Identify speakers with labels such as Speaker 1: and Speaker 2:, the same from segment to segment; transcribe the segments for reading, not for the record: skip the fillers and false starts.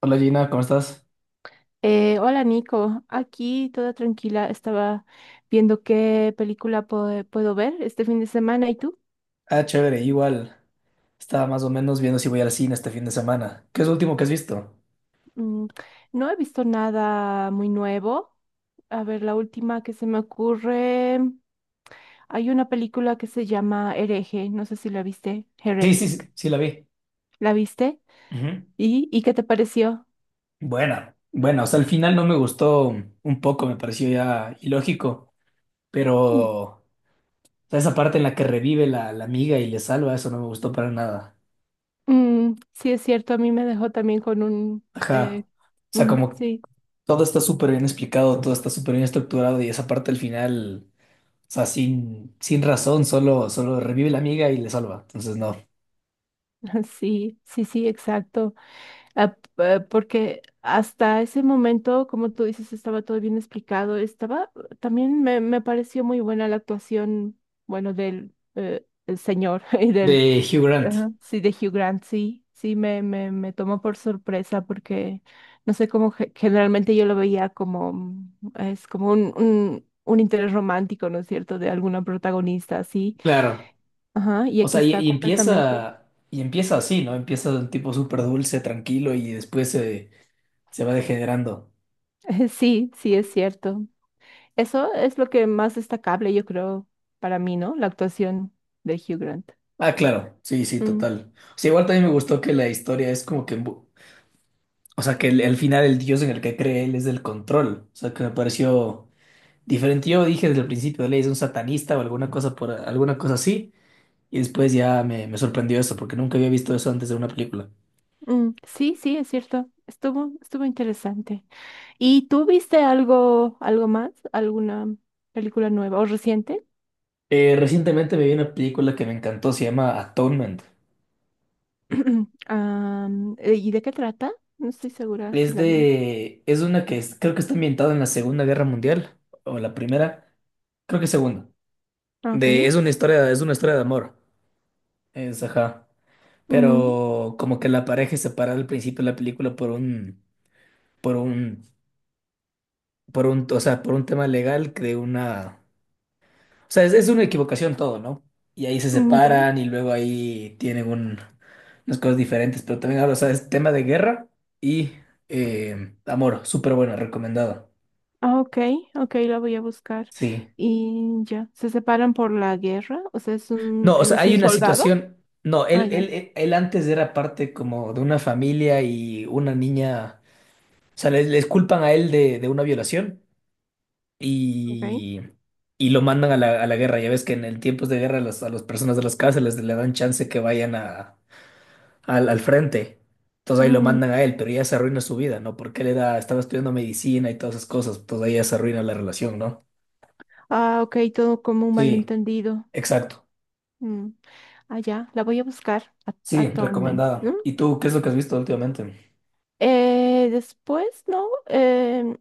Speaker 1: Hola Gina, ¿cómo estás?
Speaker 2: Hola Nico, aquí toda tranquila, estaba viendo qué película puedo ver este fin de semana. ¿Y tú?
Speaker 1: Ah, chévere, igual. Estaba más o menos viendo si voy al cine este fin de semana. ¿Qué es lo último que has visto?
Speaker 2: Mm, no he visto nada muy nuevo. A ver, la última que se me ocurre, hay una película que se llama Hereje, no sé si la viste,
Speaker 1: Sí, sí, sí,
Speaker 2: Heretic.
Speaker 1: sí la vi.
Speaker 2: ¿La viste?
Speaker 1: Ujú.
Speaker 2: ¿Y qué te pareció?
Speaker 1: Buena, buena. O sea, al final no me gustó un poco, me pareció ya ilógico, pero
Speaker 2: Mm,
Speaker 1: o sea, esa parte en la que revive la amiga y le salva, eso no me gustó para nada.
Speaker 2: sí, es cierto, a mí me dejó también con un...
Speaker 1: Ajá. O sea,
Speaker 2: mm,
Speaker 1: como
Speaker 2: sí,
Speaker 1: todo está súper bien explicado, todo está súper bien estructurado y esa parte al final, o sea, sin razón, solo, solo revive la amiga y le salva. Entonces, no.
Speaker 2: sí, sí, sí, exacto. Porque hasta ese momento, como tú dices, estaba todo bien explicado. Estaba, también me pareció muy buena la actuación, bueno, del el señor y del,
Speaker 1: De Hugh Grant,
Speaker 2: ajá, sí, de Hugh Grant, sí, sí, me tomó por sorpresa porque, no sé, cómo generalmente yo lo veía como, es como un interés romántico, ¿no es cierto?, de alguna protagonista, así.
Speaker 1: claro.
Speaker 2: Ajá, y
Speaker 1: O
Speaker 2: aquí
Speaker 1: sea, y,
Speaker 2: está
Speaker 1: y
Speaker 2: completamente.
Speaker 1: empieza, y empieza así, ¿no? Empieza de un tipo súper dulce, tranquilo, y se va degenerando.
Speaker 2: Sí, sí, es cierto. Eso es lo que más destacable, yo creo, para mí, ¿no? La actuación de Hugh Grant.
Speaker 1: Ah, claro, sí, sí,
Speaker 2: Mm,
Speaker 1: total. O sea, igual también me gustó que la historia es como que, o sea, que al final el dios en el que cree él es del control. O sea, que me pareció diferente. Yo dije desde el principio, él es un satanista o alguna cosa por alguna cosa así, y después me sorprendió eso, porque nunca había visto eso antes de una película.
Speaker 2: Sí, sí, es cierto. Estuvo, estuvo interesante. ¿Y tú viste algo, algo más? ¿Alguna película nueva o reciente?
Speaker 1: Recientemente me vi una película que me encantó, se llama Atonement.
Speaker 2: ¿Y de qué trata? No estoy segura si la vi.
Speaker 1: Es una creo que está ambientada en la Segunda Guerra Mundial o la primera, creo que segunda.
Speaker 2: Ah, ok.
Speaker 1: Es una historia, es una historia de amor. Es, ajá.
Speaker 2: Mm,
Speaker 1: Pero como que la pareja es separada al principio de la película por un, por un, o sea, por un tema legal que de una, o sea, es una equivocación todo, ¿no? Y ahí se
Speaker 2: ya.
Speaker 1: separan y luego ahí tienen un, unas cosas diferentes, pero también habla, o sea, es tema de guerra y amor, súper buena, recomendada.
Speaker 2: Ah, ok, ok, la voy a buscar.
Speaker 1: Sí.
Speaker 2: Y ya, ¿se separan por la guerra? O sea, es un,
Speaker 1: No, o
Speaker 2: él
Speaker 1: sea,
Speaker 2: es
Speaker 1: hay
Speaker 2: un
Speaker 1: una
Speaker 2: soldado.
Speaker 1: situación. No,
Speaker 2: Ah, ya,
Speaker 1: él antes era parte como de una familia y una niña. O sea, les culpan a él de una violación
Speaker 2: ok.
Speaker 1: y, y lo mandan a a la guerra. Ya ves que en, el tiempos de guerra a las personas de las cárceles le dan chance que vayan a, al frente. Entonces ahí lo
Speaker 2: Mm,
Speaker 1: mandan a él, pero ya se arruina su vida, ¿no? Porque él era, estaba estudiando medicina y todas esas cosas. Entonces ahí ya se arruina la relación, ¿no?
Speaker 2: ah, ok, todo como un
Speaker 1: Sí,
Speaker 2: malentendido.
Speaker 1: exacto.
Speaker 2: Mm. Ah, ya, la voy a buscar
Speaker 1: Sí,
Speaker 2: actualmente,
Speaker 1: recomendada.
Speaker 2: ¿no?
Speaker 1: ¿Y tú qué es lo que has visto últimamente?
Speaker 2: Después, ¿no? Em,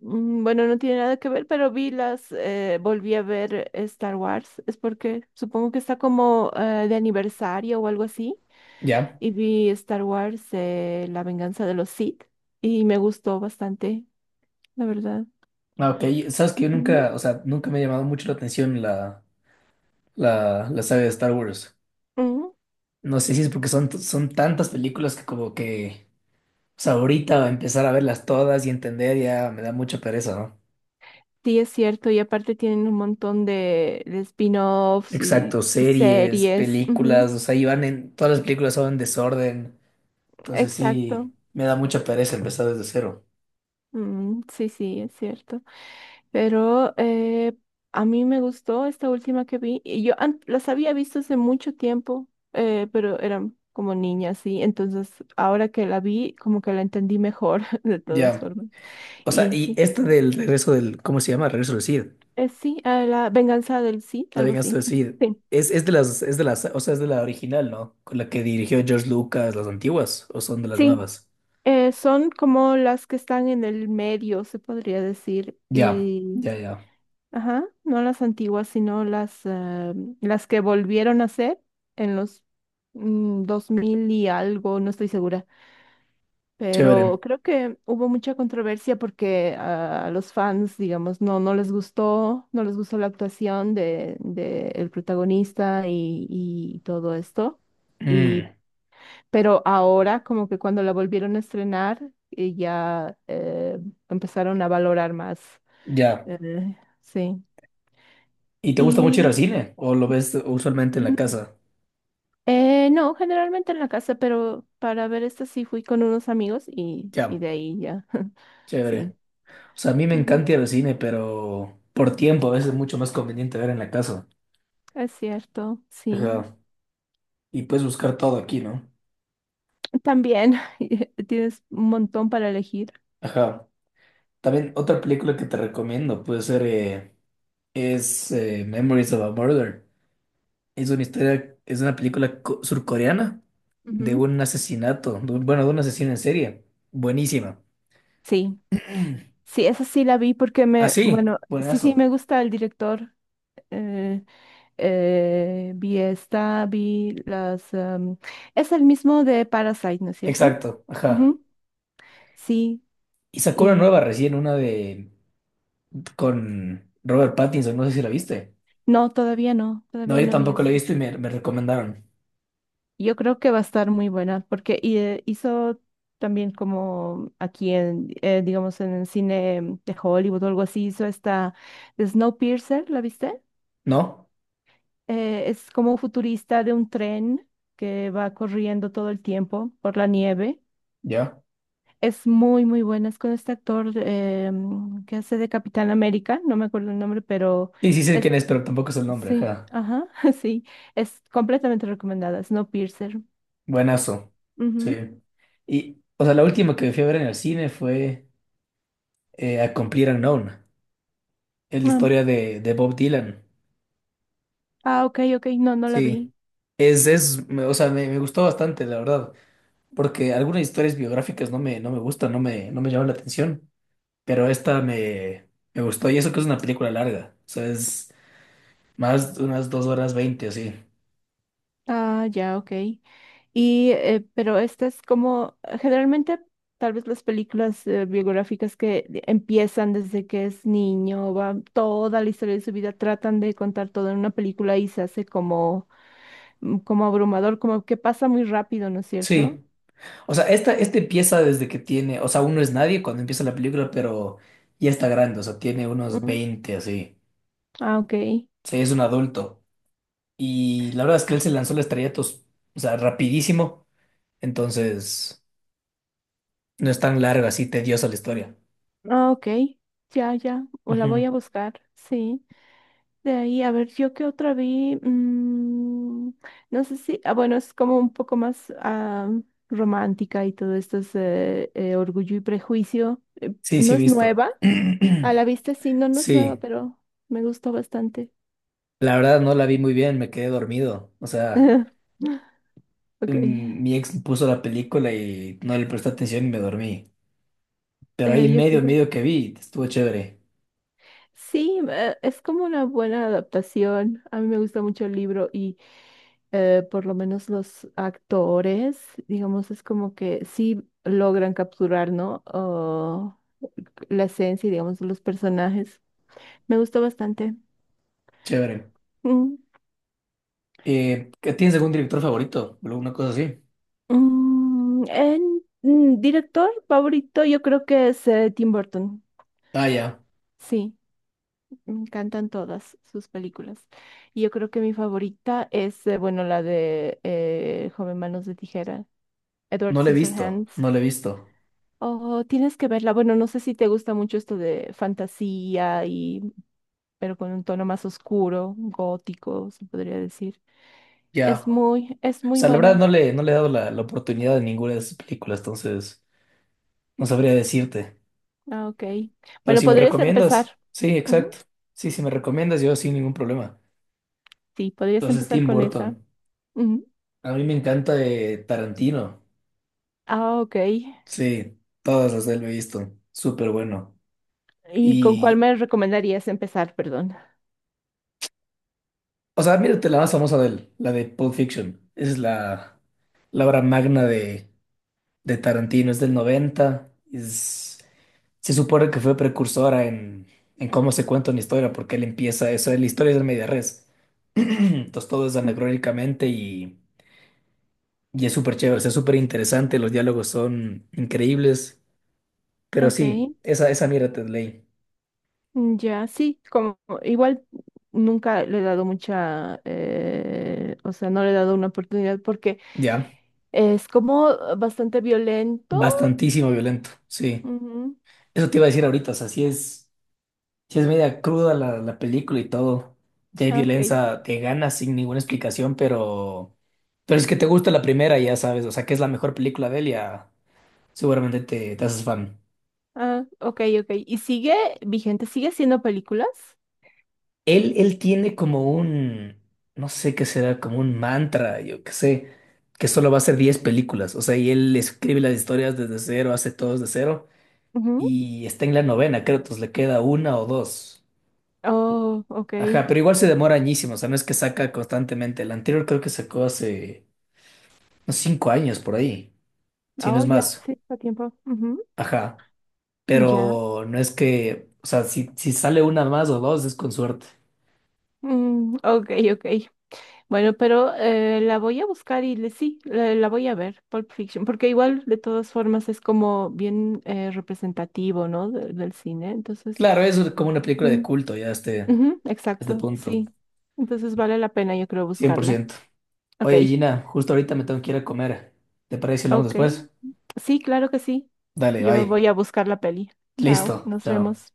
Speaker 2: mm, Bueno, no tiene nada que ver, pero vi las, volví a ver Star Wars. Es porque supongo que está como de aniversario o algo así.
Speaker 1: ¿Ya?
Speaker 2: Y vi Star Wars, La venganza de los Sith. Y me gustó bastante, la verdad.
Speaker 1: Ah, ok. Sabes que yo
Speaker 2: Ujú,
Speaker 1: nunca, o sea, nunca me ha llamado mucho la atención la saga de Star Wars.
Speaker 2: ujú.
Speaker 1: No sé si es porque son tantas películas que como que, o sea, ahorita empezar a verlas todas y entender ya me da mucha pereza, ¿no?
Speaker 2: Sí, es cierto, y aparte tienen un montón de spin-offs y
Speaker 1: Exacto, series,
Speaker 2: series.
Speaker 1: películas,
Speaker 2: Ujú,
Speaker 1: o sea, todas las películas son en desorden. Entonces sí,
Speaker 2: exacto.
Speaker 1: me da mucha pereza empezar desde cero.
Speaker 2: Mm, sí, sí, es cierto. Pero a mí me gustó esta última que vi. Y yo las había visto hace mucho tiempo, pero eran como niñas, sí. Entonces, ahora que la vi, como que la entendí mejor, de todas
Speaker 1: Ya.
Speaker 2: formas.
Speaker 1: O sea,
Speaker 2: Y
Speaker 1: y
Speaker 2: sí,
Speaker 1: esta del regreso del, ¿cómo se llama? Regreso del Cid.
Speaker 2: sí, a la venganza del sí,
Speaker 1: La
Speaker 2: algo
Speaker 1: venganza
Speaker 2: así.
Speaker 1: de Sid.
Speaker 2: Sí,
Speaker 1: Es de las, o sea, es de la original, ¿no? Con la que dirigió George Lucas, las antiguas, o son de las
Speaker 2: sí.
Speaker 1: nuevas.
Speaker 2: Son como las que están en el medio, se podría decir,
Speaker 1: Ya,
Speaker 2: y,
Speaker 1: ya, ya.
Speaker 2: ajá, no las antiguas, sino las, ah, las que volvieron a ser en los 2000 y algo, no estoy segura,
Speaker 1: Chévere.
Speaker 2: pero creo que hubo mucha controversia porque ah, a los fans, digamos, no, no les gustó, no les gustó la actuación de el protagonista y todo esto. Y
Speaker 1: Mm,
Speaker 2: pero ahora, como que cuando la volvieron a estrenar, empezaron a valorar más.
Speaker 1: ya.
Speaker 2: Eh, sí.
Speaker 1: ¿Y te gusta mucho ir
Speaker 2: Y
Speaker 1: al cine? ¿O lo ves usualmente en la
Speaker 2: mm,
Speaker 1: casa?
Speaker 2: no, generalmente en la casa, pero para ver esta sí fui con unos amigos y
Speaker 1: Ya,
Speaker 2: de ahí ya. Sí.
Speaker 1: chévere. O sea, a mí me
Speaker 2: Ujú,
Speaker 1: encanta ir al cine, pero por tiempo a veces es mucho más conveniente ver en la casa.
Speaker 2: es cierto, sí.
Speaker 1: Ajá. Y puedes buscar todo aquí, ¿no?
Speaker 2: También tienes un montón para elegir.
Speaker 1: Ajá. También otra película que te recomiendo puede ser, es Memories of a Murder. Es una historia, es una película surcoreana de
Speaker 2: Ujú.
Speaker 1: un asesinato, bueno, de un asesino en serie. Buenísima.
Speaker 2: Sí, sí, esa sí la vi porque me,
Speaker 1: Así,
Speaker 2: bueno, sí, sí, me
Speaker 1: buenazo.
Speaker 2: gusta el director. eh, vi esta, vi las... em, es el mismo de Parasite, ¿no es cierto?
Speaker 1: Exacto, ajá.
Speaker 2: Ujú, sí,
Speaker 1: Y sacó una
Speaker 2: y
Speaker 1: nueva recién, una de con Robert Pattinson, no sé si la viste.
Speaker 2: no, todavía no,
Speaker 1: No,
Speaker 2: todavía
Speaker 1: yo
Speaker 2: no vi
Speaker 1: tampoco la he
Speaker 2: eso.
Speaker 1: visto y me recomendaron.
Speaker 2: Yo creo que va a estar muy buena porque hizo también como aquí en, digamos, en el cine de Hollywood o algo así, hizo esta de Snowpiercer, ¿la viste?
Speaker 1: ¿No?
Speaker 2: Es como futurista de un tren que va corriendo todo el tiempo por la nieve.
Speaker 1: ¿Ya?
Speaker 2: Es muy, muy buena. Es con este actor que hace de Capitán América, no me acuerdo el nombre, pero
Speaker 1: Y sí sé
Speaker 2: es,
Speaker 1: quién es, pero tampoco es el nombre,
Speaker 2: sí,
Speaker 1: ajá.
Speaker 2: ajá, sí, es completamente recomendada. Snowpiercer.
Speaker 1: Buenazo. Sí.
Speaker 2: Ujú.
Speaker 1: Y, o sea, la última que fui a ver en el cine fue A Complete Unknown. Es la
Speaker 2: Ah,
Speaker 1: historia de Bob Dylan.
Speaker 2: ah, ok, ok, no, no la
Speaker 1: Sí,
Speaker 2: vi.
Speaker 1: o sea, me gustó bastante, la verdad, porque algunas historias biográficas no me, no me gustan, no me, no me llaman la atención, pero me gustó, y eso que es una película larga, o sea, es más de unas 2 horas 20, así.
Speaker 2: Ah, ya, ok. Y, pero esta es como, generalmente, tal vez las películas biográficas que empiezan desde que es niño, va toda la historia de su vida, tratan de contar todo en una película y se hace como como abrumador, como que pasa muy rápido, ¿no es cierto?
Speaker 1: Sí, o sea, este empieza desde que tiene, o sea, uno es nadie cuando empieza la película, pero ya está grande, o sea, tiene unos
Speaker 2: Mm,
Speaker 1: 20 así,
Speaker 2: ah, ok.
Speaker 1: o sea, es un adulto, y la verdad es que él se lanzó al estrellato, o sea, rapidísimo, entonces no es tan larga, así tediosa la historia.
Speaker 2: Ah, ok. Ya, ya. O la voy
Speaker 1: Ujú.
Speaker 2: a buscar, sí. De ahí, a ver, yo qué otra vi. Mm, no sé si, ah, bueno, es como un poco más ah, romántica y todo esto es Orgullo y Prejuicio.
Speaker 1: Sí, sí,
Speaker 2: No
Speaker 1: he
Speaker 2: es
Speaker 1: visto.
Speaker 2: nueva, a la vista sí, no, no es nueva,
Speaker 1: Sí,
Speaker 2: pero me gustó bastante.
Speaker 1: la verdad no la vi muy bien, me quedé dormido. O sea,
Speaker 2: Ok.
Speaker 1: mm, mi ex puso la película y no le presté atención y me dormí. Pero ahí
Speaker 2: Yo
Speaker 1: medio, medio
Speaker 2: creo.
Speaker 1: que vi, estuvo chévere,
Speaker 2: Sí, es como una buena adaptación. A mí me gusta mucho el libro y por lo menos los actores, digamos, es como que sí logran capturar, ¿no? Oh, la esencia, y, digamos, de los personajes. Me gustó bastante.
Speaker 1: chévere.
Speaker 2: Mm,
Speaker 1: ¿Tienes algún director favorito? O ¿Alguna cosa así?
Speaker 2: director favorito, yo creo que es Tim Burton.
Speaker 1: Ah, ya,
Speaker 2: Sí, me encantan todas sus películas. Y yo creo que mi favorita es, bueno, la de Joven Manos de Tijera. Edward
Speaker 1: no le he visto,
Speaker 2: Scissorhands.
Speaker 1: no le he visto.
Speaker 2: Oh, tienes que verla. Bueno, no sé si te gusta mucho esto de fantasía y, pero con un tono más oscuro, gótico, se podría decir.
Speaker 1: Ya, o
Speaker 2: Es muy
Speaker 1: sea, la verdad no
Speaker 2: buena.
Speaker 1: le, no le he dado la, la oportunidad de ninguna de sus películas, entonces no sabría decirte.
Speaker 2: Ah, ok.
Speaker 1: Pero
Speaker 2: Bueno,
Speaker 1: si me
Speaker 2: podrías
Speaker 1: recomiendas,
Speaker 2: empezar.
Speaker 1: sí,
Speaker 2: Ujú,
Speaker 1: exacto. Sí, si me recomiendas, yo sin ningún problema.
Speaker 2: sí, podrías
Speaker 1: Entonces,
Speaker 2: empezar
Speaker 1: Tim
Speaker 2: con esa.
Speaker 1: Burton.
Speaker 2: Ujú.
Speaker 1: A mí me encanta Tarantino.
Speaker 2: Ah, ok.
Speaker 1: Sí, todas las de él lo he visto. Súper bueno.
Speaker 2: ¿Y con cuál
Speaker 1: Y,
Speaker 2: me recomendarías empezar? Perdón.
Speaker 1: o sea, mírate la más famosa de él, la de Pulp Fiction. La obra magna de Tarantino. Es del 90, se supone que fue precursora en cómo se cuenta una historia, porque él empieza eso. La historia es de media res. Entonces, todo es
Speaker 2: Ujú,
Speaker 1: anacrónicamente y es súper chévere. O sea, es súper interesante. Los diálogos son increíbles. Pero sí,
Speaker 2: ok.
Speaker 1: esa mierda te leí.
Speaker 2: Mm, ya, sí, como igual nunca le he dado mucha, o sea, no le he dado una oportunidad porque
Speaker 1: Ya,
Speaker 2: es como bastante violento.
Speaker 1: bastantísimo violento, sí.
Speaker 2: Ujú,
Speaker 1: Eso te iba a decir ahorita, o sea, sí es, si es media cruda la, la película y todo. Ya hay
Speaker 2: ah, ok,
Speaker 1: violencia de ganas sin ninguna explicación, pero es que te gusta la primera, ya sabes, o sea, que es la mejor película de él, ya seguramente te, te haces fan.
Speaker 2: ah, ok, ok. ¿Y sigue vigente? ¿Sigue haciendo películas?
Speaker 1: Él tiene como un, no sé qué será, como un mantra, yo qué sé, que solo va a hacer 10 películas, o sea, y él escribe las historias desde cero, hace todo desde cero.
Speaker 2: Ujú.
Speaker 1: Y está en la novena, creo, entonces le queda una o dos.
Speaker 2: Oh, ok.
Speaker 1: Ajá, pero igual se demora añísimo, o sea, no es que saca constantemente. El anterior creo que sacó hace unos 5 años por ahí, si no
Speaker 2: Oh,
Speaker 1: es
Speaker 2: ya,
Speaker 1: más.
Speaker 2: sí, está a tiempo. Ujú,
Speaker 1: Ajá,
Speaker 2: ya.
Speaker 1: pero no es que, o sea, si, si sale una más o dos es con suerte.
Speaker 2: Mm, ok, ok. Bueno, pero la voy a buscar y le, sí, la voy a ver, Pulp Fiction, porque igual de todas formas es como bien representativo, ¿no? Del cine. Entonces,
Speaker 1: Claro, es como una película de
Speaker 2: mm,
Speaker 1: culto ya a
Speaker 2: ujú,
Speaker 1: este
Speaker 2: exacto,
Speaker 1: punto,
Speaker 2: sí. Entonces vale la pena, yo creo,
Speaker 1: cien por
Speaker 2: buscarla.
Speaker 1: ciento
Speaker 2: Ok,
Speaker 1: Oye, Gina, justo ahorita me tengo que ir a comer. ¿Te parece si hablamos
Speaker 2: ok.
Speaker 1: después?
Speaker 2: Sí, claro que sí.
Speaker 1: Dale,
Speaker 2: Yo me
Speaker 1: bye.
Speaker 2: voy a buscar la peli. Chao,
Speaker 1: Listo,
Speaker 2: nos
Speaker 1: chao.
Speaker 2: vemos.